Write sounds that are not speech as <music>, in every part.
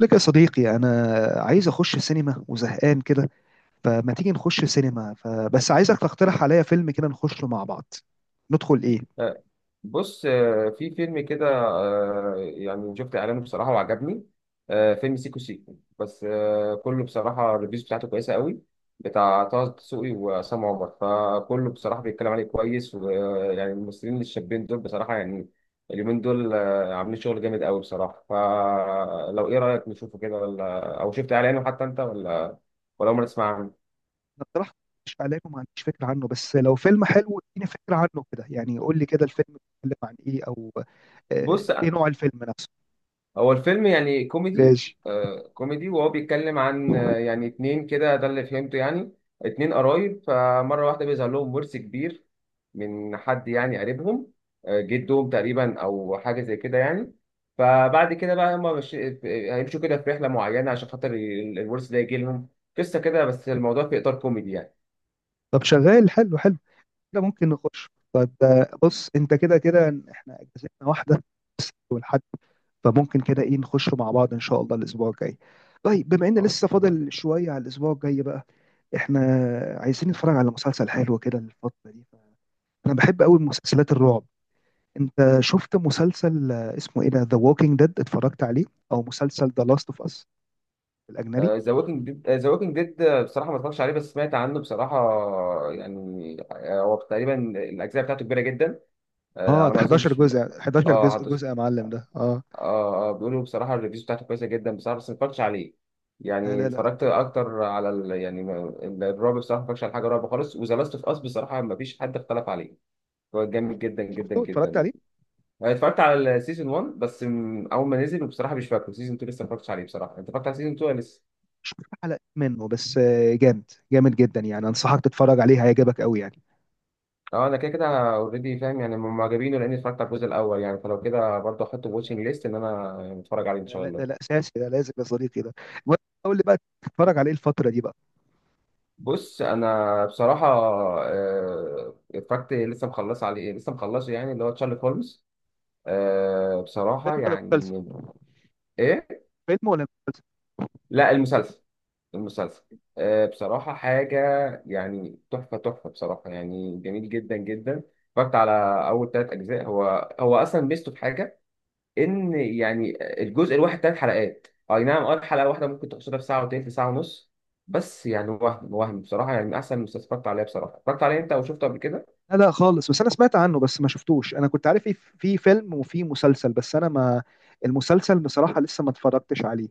لك يا صديقي، انا عايز اخش سينما وزهقان كده. فما تيجي نخش سينما؟ فبس عايزك تقترح عليا فيلم كده نخشه مع بعض. ندخل ايه؟ آه، بص في فيلم كده يعني شفت اعلانه بصراحه وعجبني. فيلم سيكو سيكو بس، كله بصراحه الريفيوز بتاعته كويسه قوي، بتاع طه دسوقي وعصام عمر، فكله بصراحه بيتكلم عليه كويس، ويعني الممثلين الشابين دول بصراحه يعني اليومين دول عاملين شغل جامد قوي بصراحه. فلو ايه رايك نشوفه كده، ولا او شفت اعلانه حتى انت، ولا عمرك تسمع عنه؟ اقترح مش عليك وما عنديش فكره عنه، بس لو فيلم حلو اديني فكره عنه كده، يعني قول لي كده الفيلم بيتكلم عن ايه، او بص، ايه نوع الفيلم نفسه؟ هو الفيلم يعني كوميدي. ماشي. آه كوميدي، وهو بيتكلم عن يعني اتنين كده، ده اللي فهمته يعني. اتنين قرايب، فمرة واحدة بيظهر لهم ورث كبير من حد يعني قريبهم، آه جدهم تقريبا أو حاجة زي كده يعني. فبعد كده بقى، هما مش هيمشوا كده في رحلة معينة عشان خاطر الورث ده يجي لهم. قصة كده، بس الموضوع في إطار كوميدي يعني. طب شغال، حلو حلو كده ممكن نخش. طب بص، انت كده كده احنا اجازتنا واحده بس، ولحد. فممكن كده ايه نخش مع بعض ان شاء الله الاسبوع الجاي. طيب، بما ان اه لسه طبعا. فاضل شويه على الاسبوع الجاي بقى، احنا عايزين نتفرج على مسلسل حلو كده الفتره دي. انا بحب قوي مسلسلات الرعب. انت شفت مسلسل اسمه ايه ده، ذا ووكينج ديد؟ اتفرجت عليه؟ او مسلسل ذا لاست اوف اس الاجنبي؟ ذا ووكينج ديد بصراحة ما اتفرجتش عليه، بس سمعت عنه بصراحة. يعني هو تقريبا الأجزاء بتاعته كبيرة جدا، آه اه، على ده ما 11 اظنش. جزء، 11 اه جزء هدوس. جزء يا معلم ده، اه. اه اه، بيقولوا بصراحه الريفيوز بتاعته كويسه جدا بصراحه، بس ما اتفرجتش عليه. لا يعني لا لا، اتفرجت اكتر على ال... يعني الرعب بصراحه، ما اتفرجتش على حاجه رعب خالص. وذا لاست اوف اس بصراحه ما فيش حد اختلف عليه، هو جامد جدا جدا شفته، اتفرجت جدا. عليه. أنا اتفرجت على السيزون 1 بس، اول ما نزل، وبصراحه مش فاكره. سيزون 2 لسه ما اتفرجتش عليه بصراحه. انت اتفرجت على سيزون 2 ولا لسه؟ شفت حلقة منه بس، جامد، جامد جدا يعني، انصحك تتفرج عليه، هيعجبك قوي يعني. اه انا كده كده اوريدي فاهم يعني معجبينه، لاني اتفرجت على الجزء الاول يعني. فلو كده برضه احطه في واتشنج ليست ان انا اتفرج عليه ان لا شاء لا، ده لا، الله. اساسي ده، لازم يا صديقي ده. المهم، قول لي بقى تتفرج على ايه الفتره دي بقى؟ بص انا بصراحه اتفرجت، لسه مخلص عليه، لسه مخلصه، يعني اللي هو تشارلي هولمز. الفيلم بصراحه ولا المسلسل؟ يعني. ايه؟ فيلم ولا مسلسل؟ لا، المسلسل. المسلسل. بصراحه حاجه يعني تحفه تحفه بصراحه، يعني جميل جدا جدا. اتفرجت على اول ثلاث اجزاء. هو هو اصلا ميزته في حاجه، ان يعني الجزء الواحد ثلاث حلقات، اي نعم اه. الحلقه واحده ممكن تقصدها في ساعه وتلت، ساعه ونص. بس يعني وهم وهم بصراحه يعني من احسن المسلسلات اتفرجت عليها بصراحه. اتفرجت عليه انت او شفته قبل كده؟ لا لا خالص، بس انا سمعت عنه، بس ما شفتوش. انا كنت عارف في فيلم وفي مسلسل، بس انا ما، المسلسل بصراحه لسه ما اتفرجتش عليه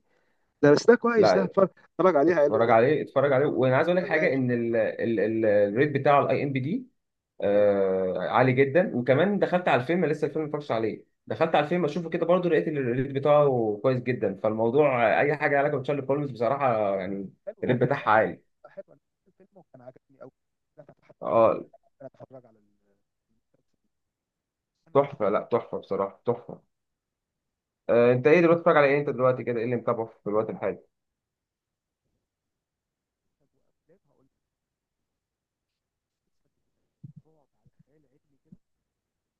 ده. بس ده كويس ده، لا، اتفرج. اتفرج عليه، حلو اتفرج ده. عليه اتفرج عليه. وانا عايز اقول لك شغال. حاجه، ان الريت بتاعه الاي ام بي دي اه، عالي جدا. وكمان دخلت على الفيلم، لسه الفيلم ما اتفرجتش عليه، دخلت على الفيلم اشوفه كده برضه، لقيت الريت بتاعه كويس جدا. فالموضوع اي حاجه علاقه بتشارلي هولمز بصراحه يعني حلو الريت طبعا، بتاعها اه. لا عالي. لا، حلو. انا شفت الفيلم وكان عجبني قوي. انا فتحت نفسي اه إن انا اتفرج على المسلسل. انا، تحفه، لا تحفه بصراحه تحفه. آه انت ايه دلوقتي بتتفرج على ايه؟ انت دلوقتي كده ايه اللي متابعه في الوقت الحالي؟ انا مسلسل وافلام. هقول لك مسلسل رعب على خيال علمي كده،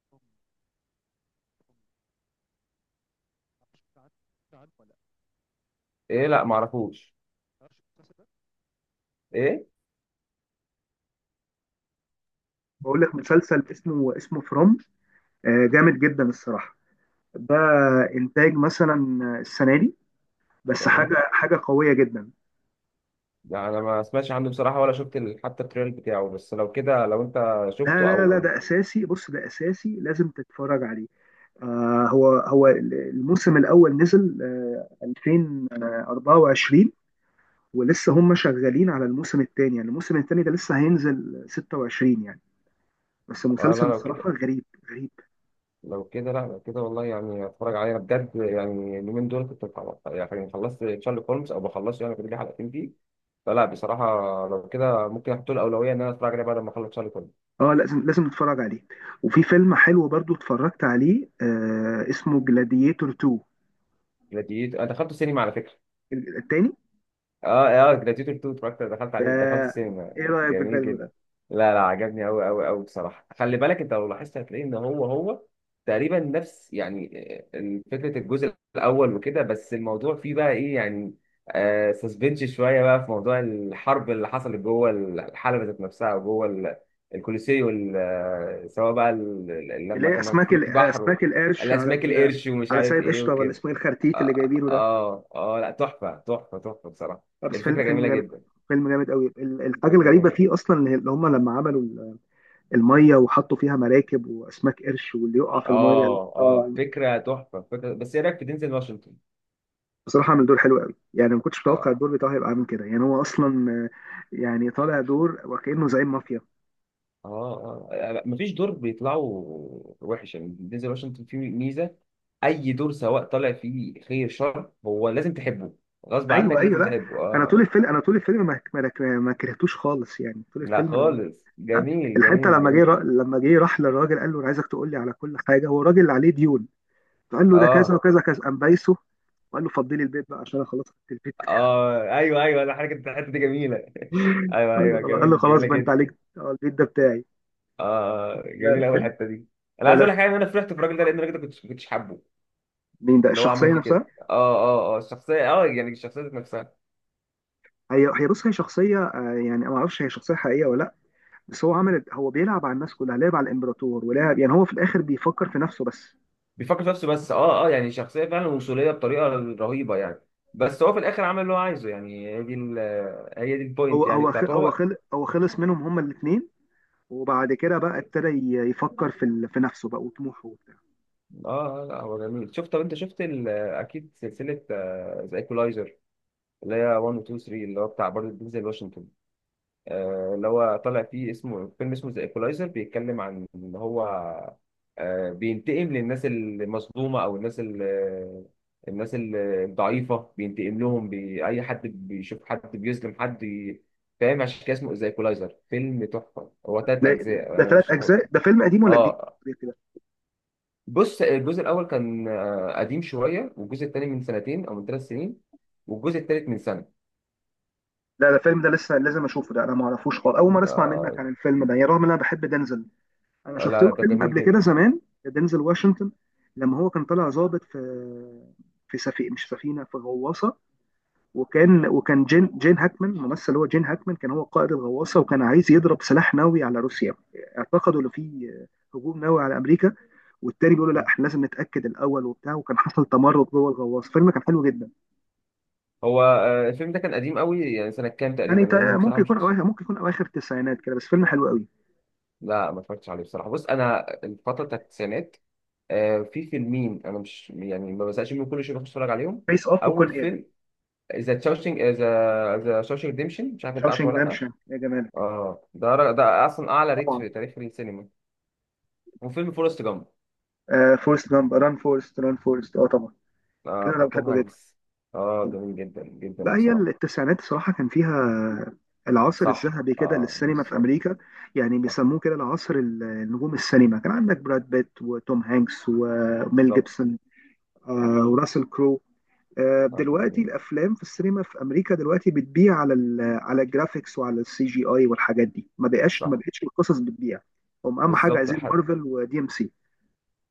بوم، بوم. ايه؟ لا ما اعرفوش. ايه؟ بقول لك مسلسل اسمه فروم. جامد جدا الصراحه ده، انتاج مثلا السنه دي، بس حاجه، تمام. حاجه قويه جدا. لا انا ما سمعتش عنه بصراحه، ولا شفت حتى التريل بتاعه. بس لو كده، لو انت لا شفته لا لا، او ده اساسي، بص ده اساسي، لازم تتفرج عليه. آه، هو هو الموسم الاول نزل آه 2024، ولسه هم شغالين على الموسم الثاني، يعني الموسم الثاني ده لسه هينزل 26 يعني. بس اه. لا مسلسل لو الصراحه كده، غريب، غريب. لا لو كده والله يعني اتفرج عليه انا بجد. يعني اليومين دول كنت بخلص، يعني خلصت تشارلي هولمز او بخلصه، يعني كنت لي حلقتين فيه. فلا بصراحه، لو كده ممكن احط له الاولويه ان انا اتفرج عليه بعد ما اخلص تشارلي هولمز. اه لازم، لازم نتفرج عليه. وفي فيلم حلو برضو اتفرجت عليه آه، اسمه جلاديتور 2، جلاديتور انا دخلته سينما على فكره. التاني. اه اه جلاديتور 2 اتفرجت، دخلت عليه، دخلت آه، سينما. ايه رأيك في جميل الفيلم جدا. ده؟ لا لا عجبني قوي قوي قوي بصراحه. خلي بالك انت لو لاحظت هتلاقي ان هو تقريبا نفس يعني فكره الجزء الاول وكده، بس الموضوع فيه بقى ايه يعني؟ آه سسبنش شويه بقى في موضوع الحرب اللي حصلت جوه الحلبه ذات نفسها، وجوه الكولوسيو، سواء بقى اللي لما هي كانوا اسماك في بحر اسماك القرش الاسماك القرش ومش على عارف سايب ايه قشطه، ولا وكده. اسمه ايه الخرتيت اللي اه جايبينه ده؟ اه لا تحفه تحفه تحفه بصراحه. آه، بس فيلم، الفكره فيلم جميله جامد. جدا. فيلم جامد قوي. الحاجه فكره الغريبه جميله. فيه اصلا ان اللي هم لما عملوا الميه وحطوا فيها مراكب واسماك قرش، واللي يقع في الميه، اه اه اه. فكره تحفه فكره. بس ايه رايك في دينزل واشنطن؟ بصراحه عمل دور حلو قوي، يعني ما كنتش متوقع اه الدور بتاعه هيبقى عامل كده، يعني هو اصلا يعني طالع دور وكأنه زعيم مافيا. اه اه، يعني مفيش دور بيطلعوا وحش يعني. دينزل واشنطن فيه ميزه، اي دور سواء طالع فيه خير شر هو لازم تحبه، غصب عنك ايوه ايوه، لازم لا تحبه. انا طول اه الفيلم، انا طول الفيلم ما كرهتوش خالص يعني طول لا الفيلم. خالص، لا، جميل الحته جميل لما جميل. لما جه راح للراجل قال له انا عايزك تقول لي على كل حاجه، هو الراجل اللي عليه ديون. فقال له ده كذا اه وكذا كذا، قام بايسه وقال له فضلي البيت بقى عشان انا خلاص خدت البيت بتاعك. اه ايوه ايوه، انا حركه الحته دي جميله <laughs> <laughs> ايوه قال له ايوه، خلاص، قال له جميل خلاص جميله بقى انت جدا. عليك البيت ده بتاعي. اه لا لا جميله قوي فيلم. الحته دي. انا لا عايز لا، اقول لك حاجه، ان انا فرحت في الراجل ده، لان الراجل ده كنتش حابه. مين ده؟ اللي هو عمل الشخصيه فيه نفسها؟ كده اه اه اه، الشخصيه، اه يعني الشخصيه ذات نفسها، هي هي، بص هي شخصيه يعني ما اعرفش هي شخصيه حقيقيه ولا لا، بس هو عمل، هو بيلعب على الناس كلها، لعب على الامبراطور ولعب، يعني هو في الاخر بيفكر في نفسه بس. بيفكر في نفسه بس. اه اه يعني شخصيه فعلا وصوليه بطريقه رهيبه يعني. بس هو في الاخر عمل اللي هو عايزه يعني. هي دي هي دي هو البوينت يعني هو خ- بتاعته هو هو. خل هو خلص منهم هما الاثنين، وبعد كده بقى ابتدى يفكر في في نفسه بقى وطموحه وبتاع. اه لا هو جميل. شفت، طب انت شفت اكيد سلسله ذا ايكولايزر، اللي هي 1 و 2 و 3، اللي هو بتاع برضه دينزل واشنطن. اللي هو طالع فيه اسمه، فيلم اسمه ذا ايكولايزر، بيتكلم عن ان هو بينتقم للناس المظلومه، او الناس الضعيفه، بينتقم لهم. اي حد بيشوف حد بيظلم حد فاهم، عشان كده اسمه ذا ايكولايزر. فيلم تحفه، هو ثلاث لا، اجزاء، ده انا ثلاث ارشحه اجزاء لك. ده، فيلم قديم ولا جديد اه كده؟ بص الجزء الاول كان قديم شويه، والجزء الثاني من سنتين او من ثلاث سنين، والجزء الثالث من سنه. لا ده الفيلم ده لسه لازم اشوفه ده، انا ما اعرفوش خالص، اول مره اسمع آه منك عن الفيلم ده، يعني رغم ان انا بحب دنزل. انا لا شفت له لا ده فيلم جميل قبل كده جدا. زمان، دنزل واشنطن، لما هو كان طالع ظابط في، في سفينه، مش سفينه، في غواصه. وكان جين هاكمان الممثل، هو جين هاكمان كان هو قائد الغواصه وكان عايز يضرب سلاح نووي على روسيا. اعتقدوا ان في هجوم نووي على امريكا، والتاني بيقول له لا، احنا لازم نتاكد الاول وبتاع، وكان حصل تمرد جوه الغواصه، فيلم كان حلو جدا. هو الفيلم ده كان قديم قوي يعني، سنة كام تقريبا؟ يعني لأن بصراحة مش. ممكن يكون اواخر التسعينات كده، بس فيلم حلو قوي. لا ما اتفرجتش عليه بصراحة. بص أنا الفترة بتاعت التسعينات في فيلمين أنا مش يعني ما بزهقش منهم، كل شوية بخش أتفرج عليهم. فيس اوف أول وكون اير. فيلم ذا تشاوشينج ذا ذا شاوشينج ريديمشن، مش عارف أنت عارفه شاوشينج ولا لأ. دامشن يا جمالك، اه ده ده أصلا أعلى ريت طبعا. في تاريخ السينما. وفيلم فورست جامب. آه فورست جامب، ران فورست ران فورست، اه طبعا. آه انا بتاع توم بحبه جدا. هانكس. اه جميل جدا جدا لا، هي بصراحة. التسعينات صراحة كان فيها العصر صح الذهبي كده اه للسينما في بالظبط. أمريكا. يعني صح بيسموه كده العصر، النجوم السينما كان عندك براد بيت وتوم هانكس وميل بالظبط. جيبسون، صح وراسل كرو. فيلم دلوقتي جميل. الأفلام في السينما في أمريكا دلوقتي بتبيع على على الجرافيكس وعلى السي جي آي والحاجات دي، ما صح بقتش القصص بتبيع. هم أهم حاجة بالظبط. عايزين مارفل ودي إم سي.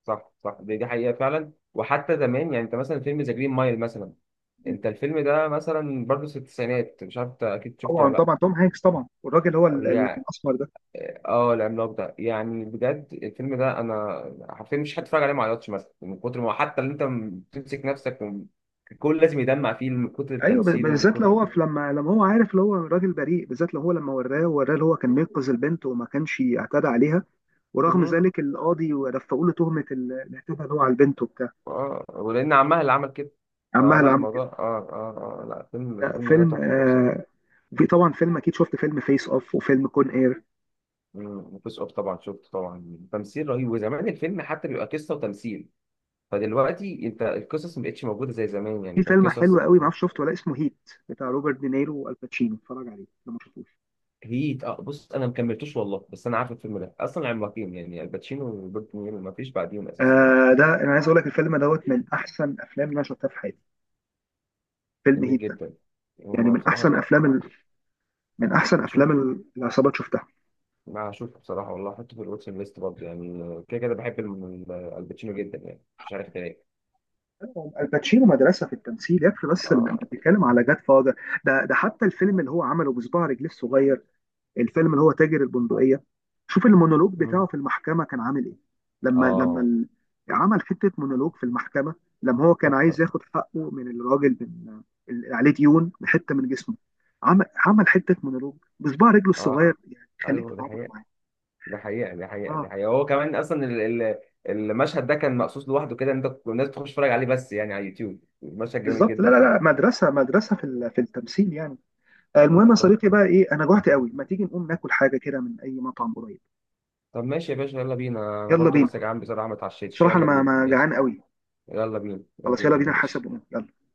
صح صح، دي حقيقة فعلا. وحتى زمان يعني انت مثلا فيلم ذا جرين مايل مثلا، انت الفيلم ده مثلا برضه في التسعينات، مش عارف انت اكيد شفته طبعا ولا طبعا توم هانكس طبعا، لا والراجل هو يعني. الأسمر ده. اه العملاق ده، يعني بجد الفيلم ده انا حرفيا مش هتفرج عليه ما عيطش مثلا من كتر ما، حتى اللي انت بتمسك نفسك الكل لازم يدمع فيه من كتر ايوه، التمثيل ومن بالذات لو كتر. هو في، لما هو عارف اللي هو راجل بريء، بالذات لو هو لما وراه اللي هو كان بينقذ البنت وما كانش اعتدى عليها، ورغم مم. ذلك القاضي رفعوا له تهمه الاعتداء اللي هو على البنت وبتاع. اه ولان عمها اللي عمل كده. عمها اللي فلا عمل كده. الموضوع اه، اه اه لا الفيلم، لا الفيلم ده فيلم تحفة آه، بصراحة. في طبعا فيلم، اكيد شفت فيلم فيس اوف وفيلم كون اير. مم، وفيس اوف طبعا شفته طبعا، تمثيل رهيب. وزمان الفيلم حتى بيبقى قصه وتمثيل، فدلوقتي انت القصص ما بقتش موجوده زي زمان في يعني، كان فيلم حلو قصص. قوي ما اعرفش شفته ولا، اسمه هيت، بتاع روبرت دينيرو والباتشينو، اتفرج عليه لو ما شفتوش. هيت، اه بص انا ما كملتوش والله، بس انا عارف الفيلم ده اصلا، العملاقين يعني الباتشينو وروبرت نيرو ما فيش بعديهم اساسا يعني. آه ده انا عايز اقول لك، الفيلم دوت من احسن افلام اللي انا شفتها في حياتي، فيلم جميل هيت ده. جدا. يعني هما من بصراحه احسن بقى- افلام هشوف. العصابات شفتها. ما هشوف بصراحه والله، احطه في الواتشن ليست برضه يعني. كده كده بحب الباتشينو جدا يعني، مش عارف ليه. الباتشينو مدرسه في التمثيل، يكفي بس اللي اه. انت بتتكلم على جاد فاذر. ده حتى الفيلم اللي هو عمله بصباع رجليه الصغير، الفيلم اللي هو تاجر البندقيه، شوف المونولوج بتاعه مم. في المحكمه كان عامل ايه. لما لما اه ال- عمل حته مونولوج في المحكمه، لما هو كان تحفه. عايز ياخد حقه من الراجل، من اللي عليه ديون حته من جسمه، عمل حته مونولوج بصباع رجله الصغير، اه يعني خليك ايوه ده تتعاطف حقيقة. معاه. دي حقيقة دي حقيقة اه دي حقيقة. هو كمان أصلا المشهد ده كان مقصود لوحده كده، إن أنت الناس بتخش تتفرج عليه بس يعني على اليوتيوب. المشهد جميل بالظبط. لا جدا لا فعلا. لا، مدرسه، مدرسه في في التمثيل يعني. المهم يا طب، صديقي بقى ايه، انا جوعت قوي، ما تيجي نقوم ناكل حاجه كده من اي مطعم قريب؟ طب ماشي يا باشا يلا بينا، أنا يلا برضو بينا، لسه جعان بصراحة ما اتعشيتش، بصراحه انا يلا ما، بينا ما ماشي جعان قوي. يلا بينا، خلاص، يلا يلا بينا بينا يا باشا. حسب ونقوم، يلا.